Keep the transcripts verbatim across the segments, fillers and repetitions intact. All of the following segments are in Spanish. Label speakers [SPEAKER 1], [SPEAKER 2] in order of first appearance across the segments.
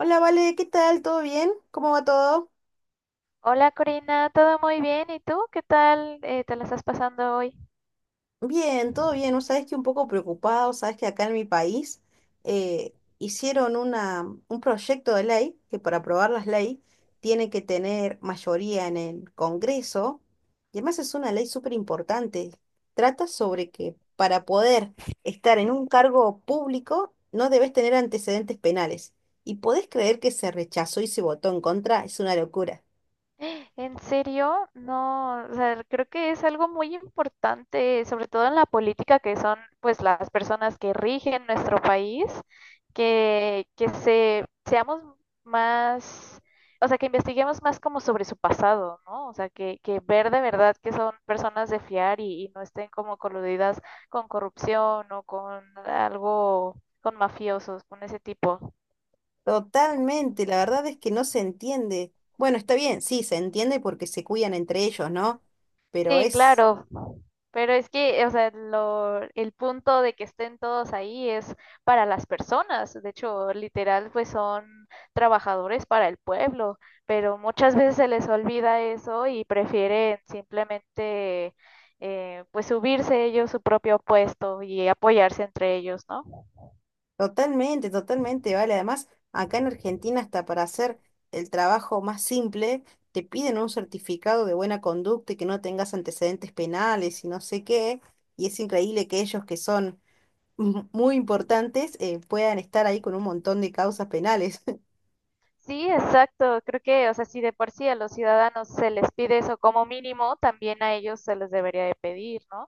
[SPEAKER 1] Hola, Vale, ¿qué tal? ¿Todo bien? ¿Cómo va todo?
[SPEAKER 2] Hola, Corina, ¿todo muy bien? ¿Y tú? ¿Qué tal eh, te la estás pasando hoy?
[SPEAKER 1] Bien, todo bien. ¿No sabes que un poco preocupado? Sabes que acá en mi país eh, hicieron una, un proyecto de ley que para aprobar las leyes tiene que tener mayoría en el Congreso. Y además es una ley súper importante. Trata
[SPEAKER 2] Mm.
[SPEAKER 1] sobre que para poder estar en un cargo público no debes tener antecedentes penales. ¿Y podés creer que se rechazó y se votó en contra? Es una locura.
[SPEAKER 2] En serio, no, o sea, creo que es algo muy importante, sobre todo en la política, que son pues las personas que rigen nuestro país, que, que se, seamos más, o sea, que investiguemos más como sobre su pasado, ¿no? O sea, que, que ver de verdad que son personas de fiar y, y no estén como coludidas con corrupción o con algo, con mafiosos, con ese tipo.
[SPEAKER 1] Totalmente, la verdad es que no se entiende. Bueno, está bien, sí, se entiende porque se cuidan entre ellos, ¿no? Pero
[SPEAKER 2] Sí,
[SPEAKER 1] es
[SPEAKER 2] claro. Pero es que, o sea, lo, el punto de que estén todos ahí es para las personas. De hecho, literal, pues son trabajadores para el pueblo, pero muchas veces se les olvida eso y prefieren simplemente, eh, pues, subirse ellos su propio puesto y apoyarse entre ellos, ¿no?
[SPEAKER 1] totalmente, totalmente, vale. Además, acá en Argentina, hasta para hacer el trabajo más simple, te piden un certificado de buena conducta y que no tengas antecedentes penales y no sé qué. Y es increíble que ellos, que son muy importantes, eh, puedan estar ahí con un montón de causas penales.
[SPEAKER 2] Sí, exacto. Creo que, o sea, si de por sí a los ciudadanos se les pide eso como mínimo, también a ellos se les debería de pedir, ¿no?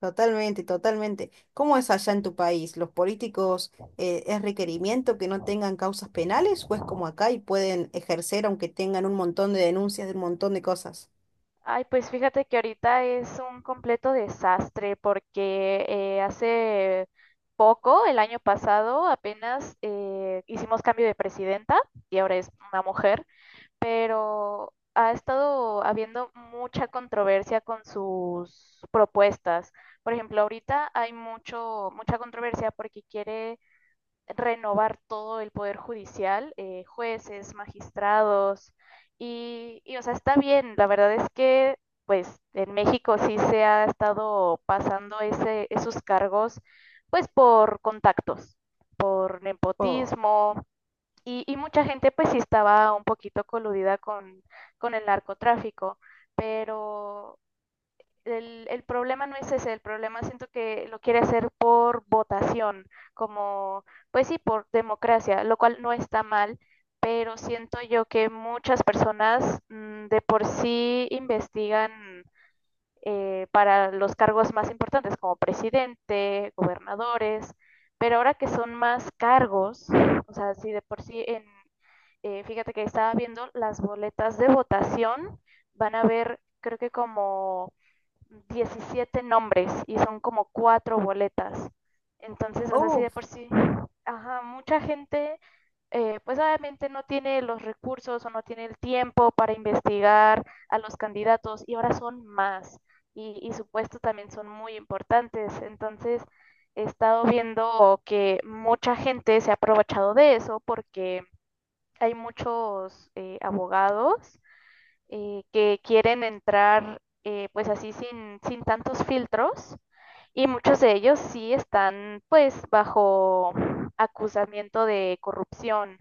[SPEAKER 1] Totalmente, totalmente. ¿Cómo es allá en tu país? ¿Los políticos, eh, es requerimiento que no tengan causas penales o es como acá y pueden ejercer aunque tengan un montón de denuncias de un montón de cosas?
[SPEAKER 2] Ay, pues fíjate que ahorita es un completo desastre porque eh, hace poco, el año pasado, apenas eh, hicimos cambio de presidenta y ahora es una mujer, pero ha estado habiendo mucha controversia con sus propuestas. Por ejemplo, ahorita hay mucho, mucha controversia porque quiere renovar todo el poder judicial, eh, jueces, magistrados, y, y, o sea, está bien, la verdad es que, pues, en México sí se ha estado pasando ese, esos cargos, pues, por contactos, por
[SPEAKER 1] Oh,
[SPEAKER 2] nepotismo, y, y mucha gente, pues, sí estaba un poquito coludida con, con el narcotráfico, pero el, el problema no es ese, el problema siento que lo quiere hacer por votación, como, pues sí, por democracia, lo cual no está mal, pero siento yo que muchas personas mm, de por sí investigan eh, para los cargos más importantes, como presidente, gobernadores, pero ahora que son más cargos, o sea, si de por sí en, eh, fíjate que estaba viendo las boletas de votación, van a ver, creo que como diecisiete nombres y son como cuatro boletas. Entonces, o sea, así
[SPEAKER 1] uf,
[SPEAKER 2] de por sí, ajá, mucha gente, eh, pues obviamente no tiene los recursos o no tiene el tiempo para investigar a los candidatos y ahora son más y, y su puesto también son muy importantes. Entonces, he estado viendo que mucha gente se ha aprovechado de eso porque hay muchos eh, abogados eh, que quieren entrar eh, pues así sin, sin tantos filtros y muchos de ellos sí están pues bajo acusamiento de corrupción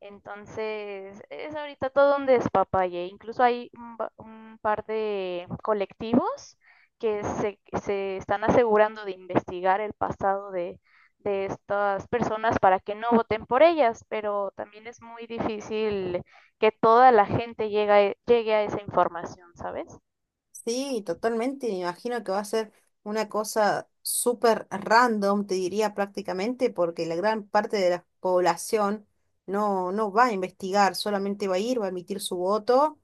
[SPEAKER 2] entonces, es ahorita todo un despapalle. Incluso hay un, ba- un par de colectivos que se, se están asegurando de investigar el pasado de, de estas personas para que no voten por ellas, pero también es muy difícil que toda la gente llegue, a- llegue a esa información, ¿sabes?
[SPEAKER 1] sí, totalmente. Me imagino que va a ser una cosa súper random, te diría prácticamente, porque la gran parte de la población no, no va a investigar, solamente va a ir, va a emitir su voto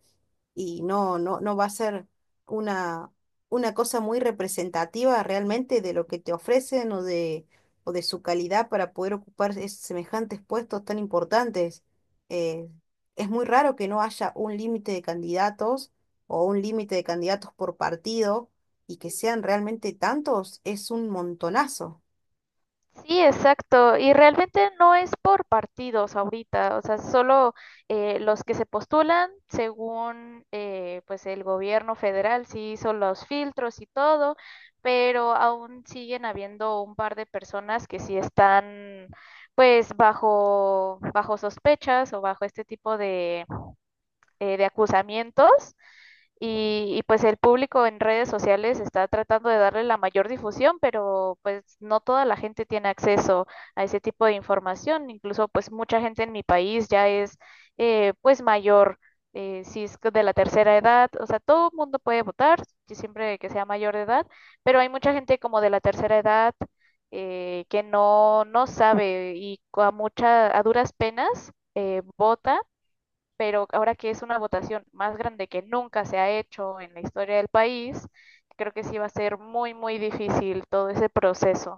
[SPEAKER 1] y no, no, no va a ser una, una cosa muy representativa realmente de lo que te ofrecen o de, o de su calidad para poder ocupar es- semejantes puestos tan importantes. Eh, es muy raro que no haya un límite de candidatos o un límite de candidatos por partido y que sean realmente tantos, es un montonazo.
[SPEAKER 2] Sí, exacto. Y realmente no es por partidos ahorita, o sea, solo eh, los que se postulan según eh, pues el gobierno federal sí hizo los filtros y todo, pero aún siguen habiendo un par de personas que sí están pues bajo bajo sospechas o bajo este tipo eh, de acusamientos y, y, pues el público en redes sociales está tratando de darle la mayor difusión, pero pues no toda la gente tiene acceso a ese tipo de información, incluso pues mucha gente en mi país ya es eh, pues mayor. Eh, si es de la tercera edad, o sea, todo el mundo puede votar, siempre que sea mayor de edad, pero hay mucha gente como de la tercera edad eh, que no, no sabe y a, mucha, a duras penas eh, vota, pero ahora que es una votación más grande que nunca se ha hecho en la historia del país, creo que sí va a ser muy, muy difícil todo ese proceso.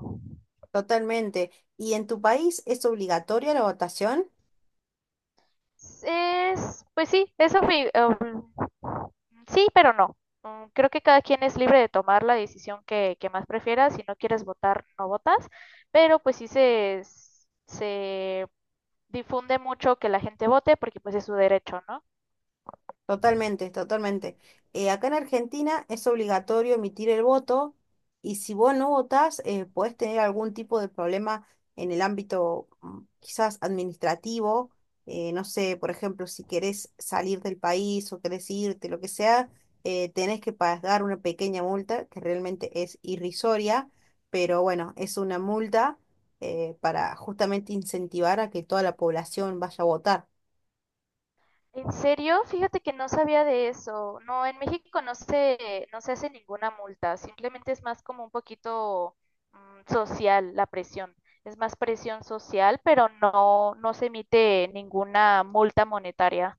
[SPEAKER 1] Totalmente. ¿Y en tu país es obligatoria la votación?
[SPEAKER 2] Es, pues sí, eso fue, um, sí, pero no. Mm, Creo que cada quien es libre de tomar la decisión que, que más prefiera. Si no quieres votar, no votas. Pero pues sí se, se difunde mucho que la gente vote porque pues es su derecho, ¿no?
[SPEAKER 1] Totalmente, totalmente. Eh, acá en Argentina es obligatorio emitir el voto y si vos no votás, eh, podés tener algún tipo de problema en el ámbito mm, quizás administrativo. Eh, no sé, por ejemplo, si querés salir del país o querés irte, lo que sea, eh, tenés que pagar una pequeña multa que realmente es irrisoria, pero bueno, es una multa, eh, para justamente incentivar a que toda la población vaya a votar.
[SPEAKER 2] ¿En serio? Fíjate que no sabía de eso. No, en México no se, no se hace ninguna multa, simplemente es más como un poquito mm, social la presión. Es más presión social, pero no, no se emite ninguna multa monetaria.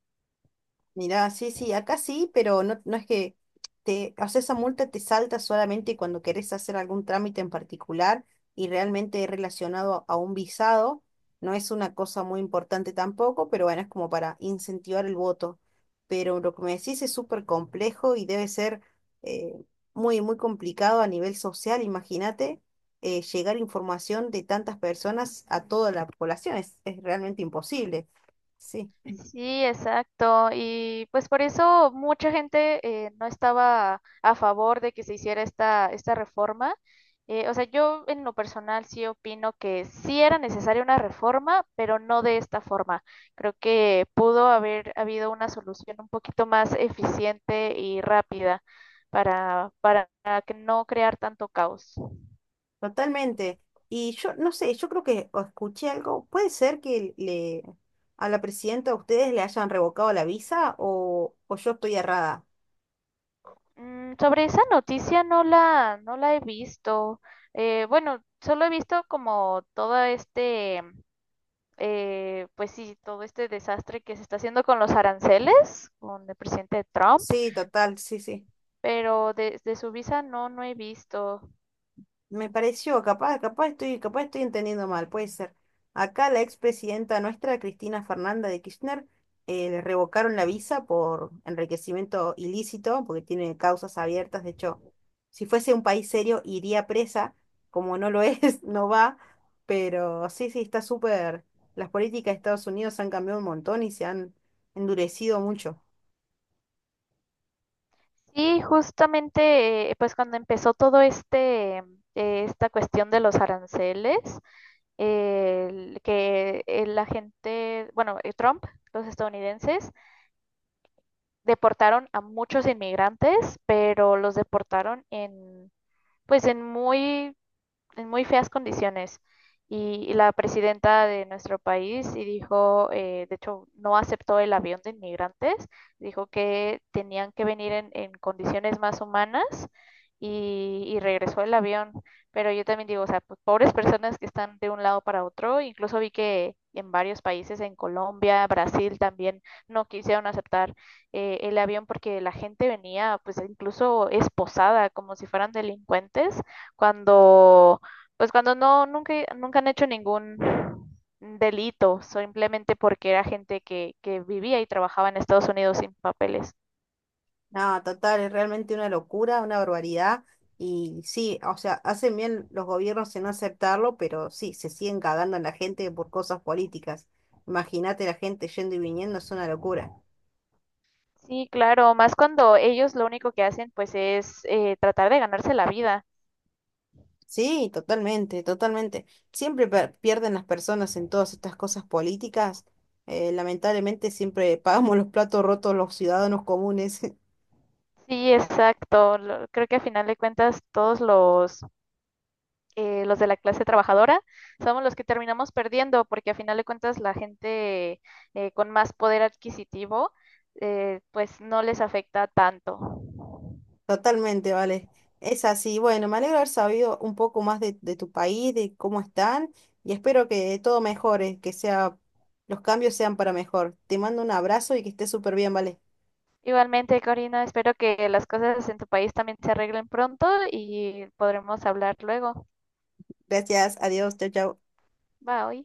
[SPEAKER 1] Mirá, sí, sí, acá sí, pero no, no es que te, o sea, esa multa te salta solamente cuando querés hacer algún trámite en particular y realmente relacionado a, a un visado. No es una cosa muy importante tampoco, pero bueno, es como para incentivar el voto. Pero lo que me decís es súper complejo y debe ser, eh, muy, muy complicado a nivel social. Imagínate, eh, llegar información de tantas personas a toda la población. Es, es realmente imposible. Sí.
[SPEAKER 2] Sí, exacto. Y pues por eso mucha gente eh, no estaba a favor de que se hiciera esta, esta reforma. Eh, o sea, yo en lo personal sí opino que sí era necesaria una reforma, pero no de esta forma. Creo que pudo haber habido una solución un poquito más eficiente y rápida para, para que no crear tanto caos.
[SPEAKER 1] Totalmente. Y yo no sé, yo creo que o escuché algo. ¿Puede ser que le a la presidenta de ustedes le hayan revocado la visa o, o yo estoy errada?
[SPEAKER 2] Mm, sobre esa noticia no la, no la he visto. Eh, bueno, solo he visto como todo este, eh, pues sí, todo este desastre que se está haciendo con los aranceles, con el presidente Trump,
[SPEAKER 1] Sí, total, sí, sí.
[SPEAKER 2] pero de, de su visa no, no he visto.
[SPEAKER 1] Me pareció, capaz, capaz estoy, capaz estoy entendiendo mal, puede ser. Acá la expresidenta nuestra, Cristina Fernanda de Kirchner, eh, le revocaron la visa por enriquecimiento ilícito, porque tiene causas abiertas. De hecho, si fuese un país serio, iría presa. Como no lo es, no va. Pero sí, sí, está súper. Las políticas de Estados Unidos han cambiado un montón y se han endurecido mucho.
[SPEAKER 2] Sí, justamente, eh, pues cuando empezó todo este, eh, esta cuestión de los aranceles, el que eh, la gente, bueno, eh, Trump, los estadounidenses, deportaron a muchos inmigrantes, pero los deportaron en, pues en muy en muy feas condiciones. Y, y la presidenta de nuestro país y dijo, eh, de hecho, no aceptó el avión de inmigrantes, dijo que tenían que venir en, en condiciones más humanas y, y regresó el avión. Pero yo también digo, o sea, pues, pobres personas que están de un lado para otro, incluso vi que en varios países, en Colombia, Brasil también, no quisieron aceptar eh, el avión porque la gente venía pues incluso esposada, como si fueran delincuentes, cuando pues cuando no, nunca, nunca han hecho ningún delito, simplemente porque era gente que, que vivía y trabajaba en Estados Unidos sin papeles.
[SPEAKER 1] No, total, es realmente una locura, una barbaridad. Y sí, o sea, hacen bien los gobiernos en no aceptarlo, pero sí, se siguen cagando en la gente por cosas políticas. Imagínate la gente yendo y viniendo, es una locura.
[SPEAKER 2] Sí, claro, más cuando ellos lo único que hacen pues es eh, tratar de ganarse la vida.
[SPEAKER 1] Sí, totalmente, totalmente. Siempre per- pierden las personas en todas estas cosas políticas. Eh, lamentablemente siempre pagamos los platos rotos los ciudadanos comunes.
[SPEAKER 2] Sí, exacto. Lo- creo que a final de cuentas todos los, eh, los de la clase trabajadora somos los que terminamos perdiendo porque a final de cuentas la gente eh, con más poder adquisitivo eh, pues no les afecta tanto.
[SPEAKER 1] Totalmente, vale. Es así. Bueno, me alegro haber sabido un poco más de, de tu país, de cómo están, y espero que todo mejore, que sea, los cambios sean para mejor. Te mando un abrazo y que estés súper bien, vale.
[SPEAKER 2] Igualmente, Corina, espero que las cosas en tu país también se arreglen pronto y podremos hablar luego.
[SPEAKER 1] Gracias, adiós, chao, chao.
[SPEAKER 2] Bye.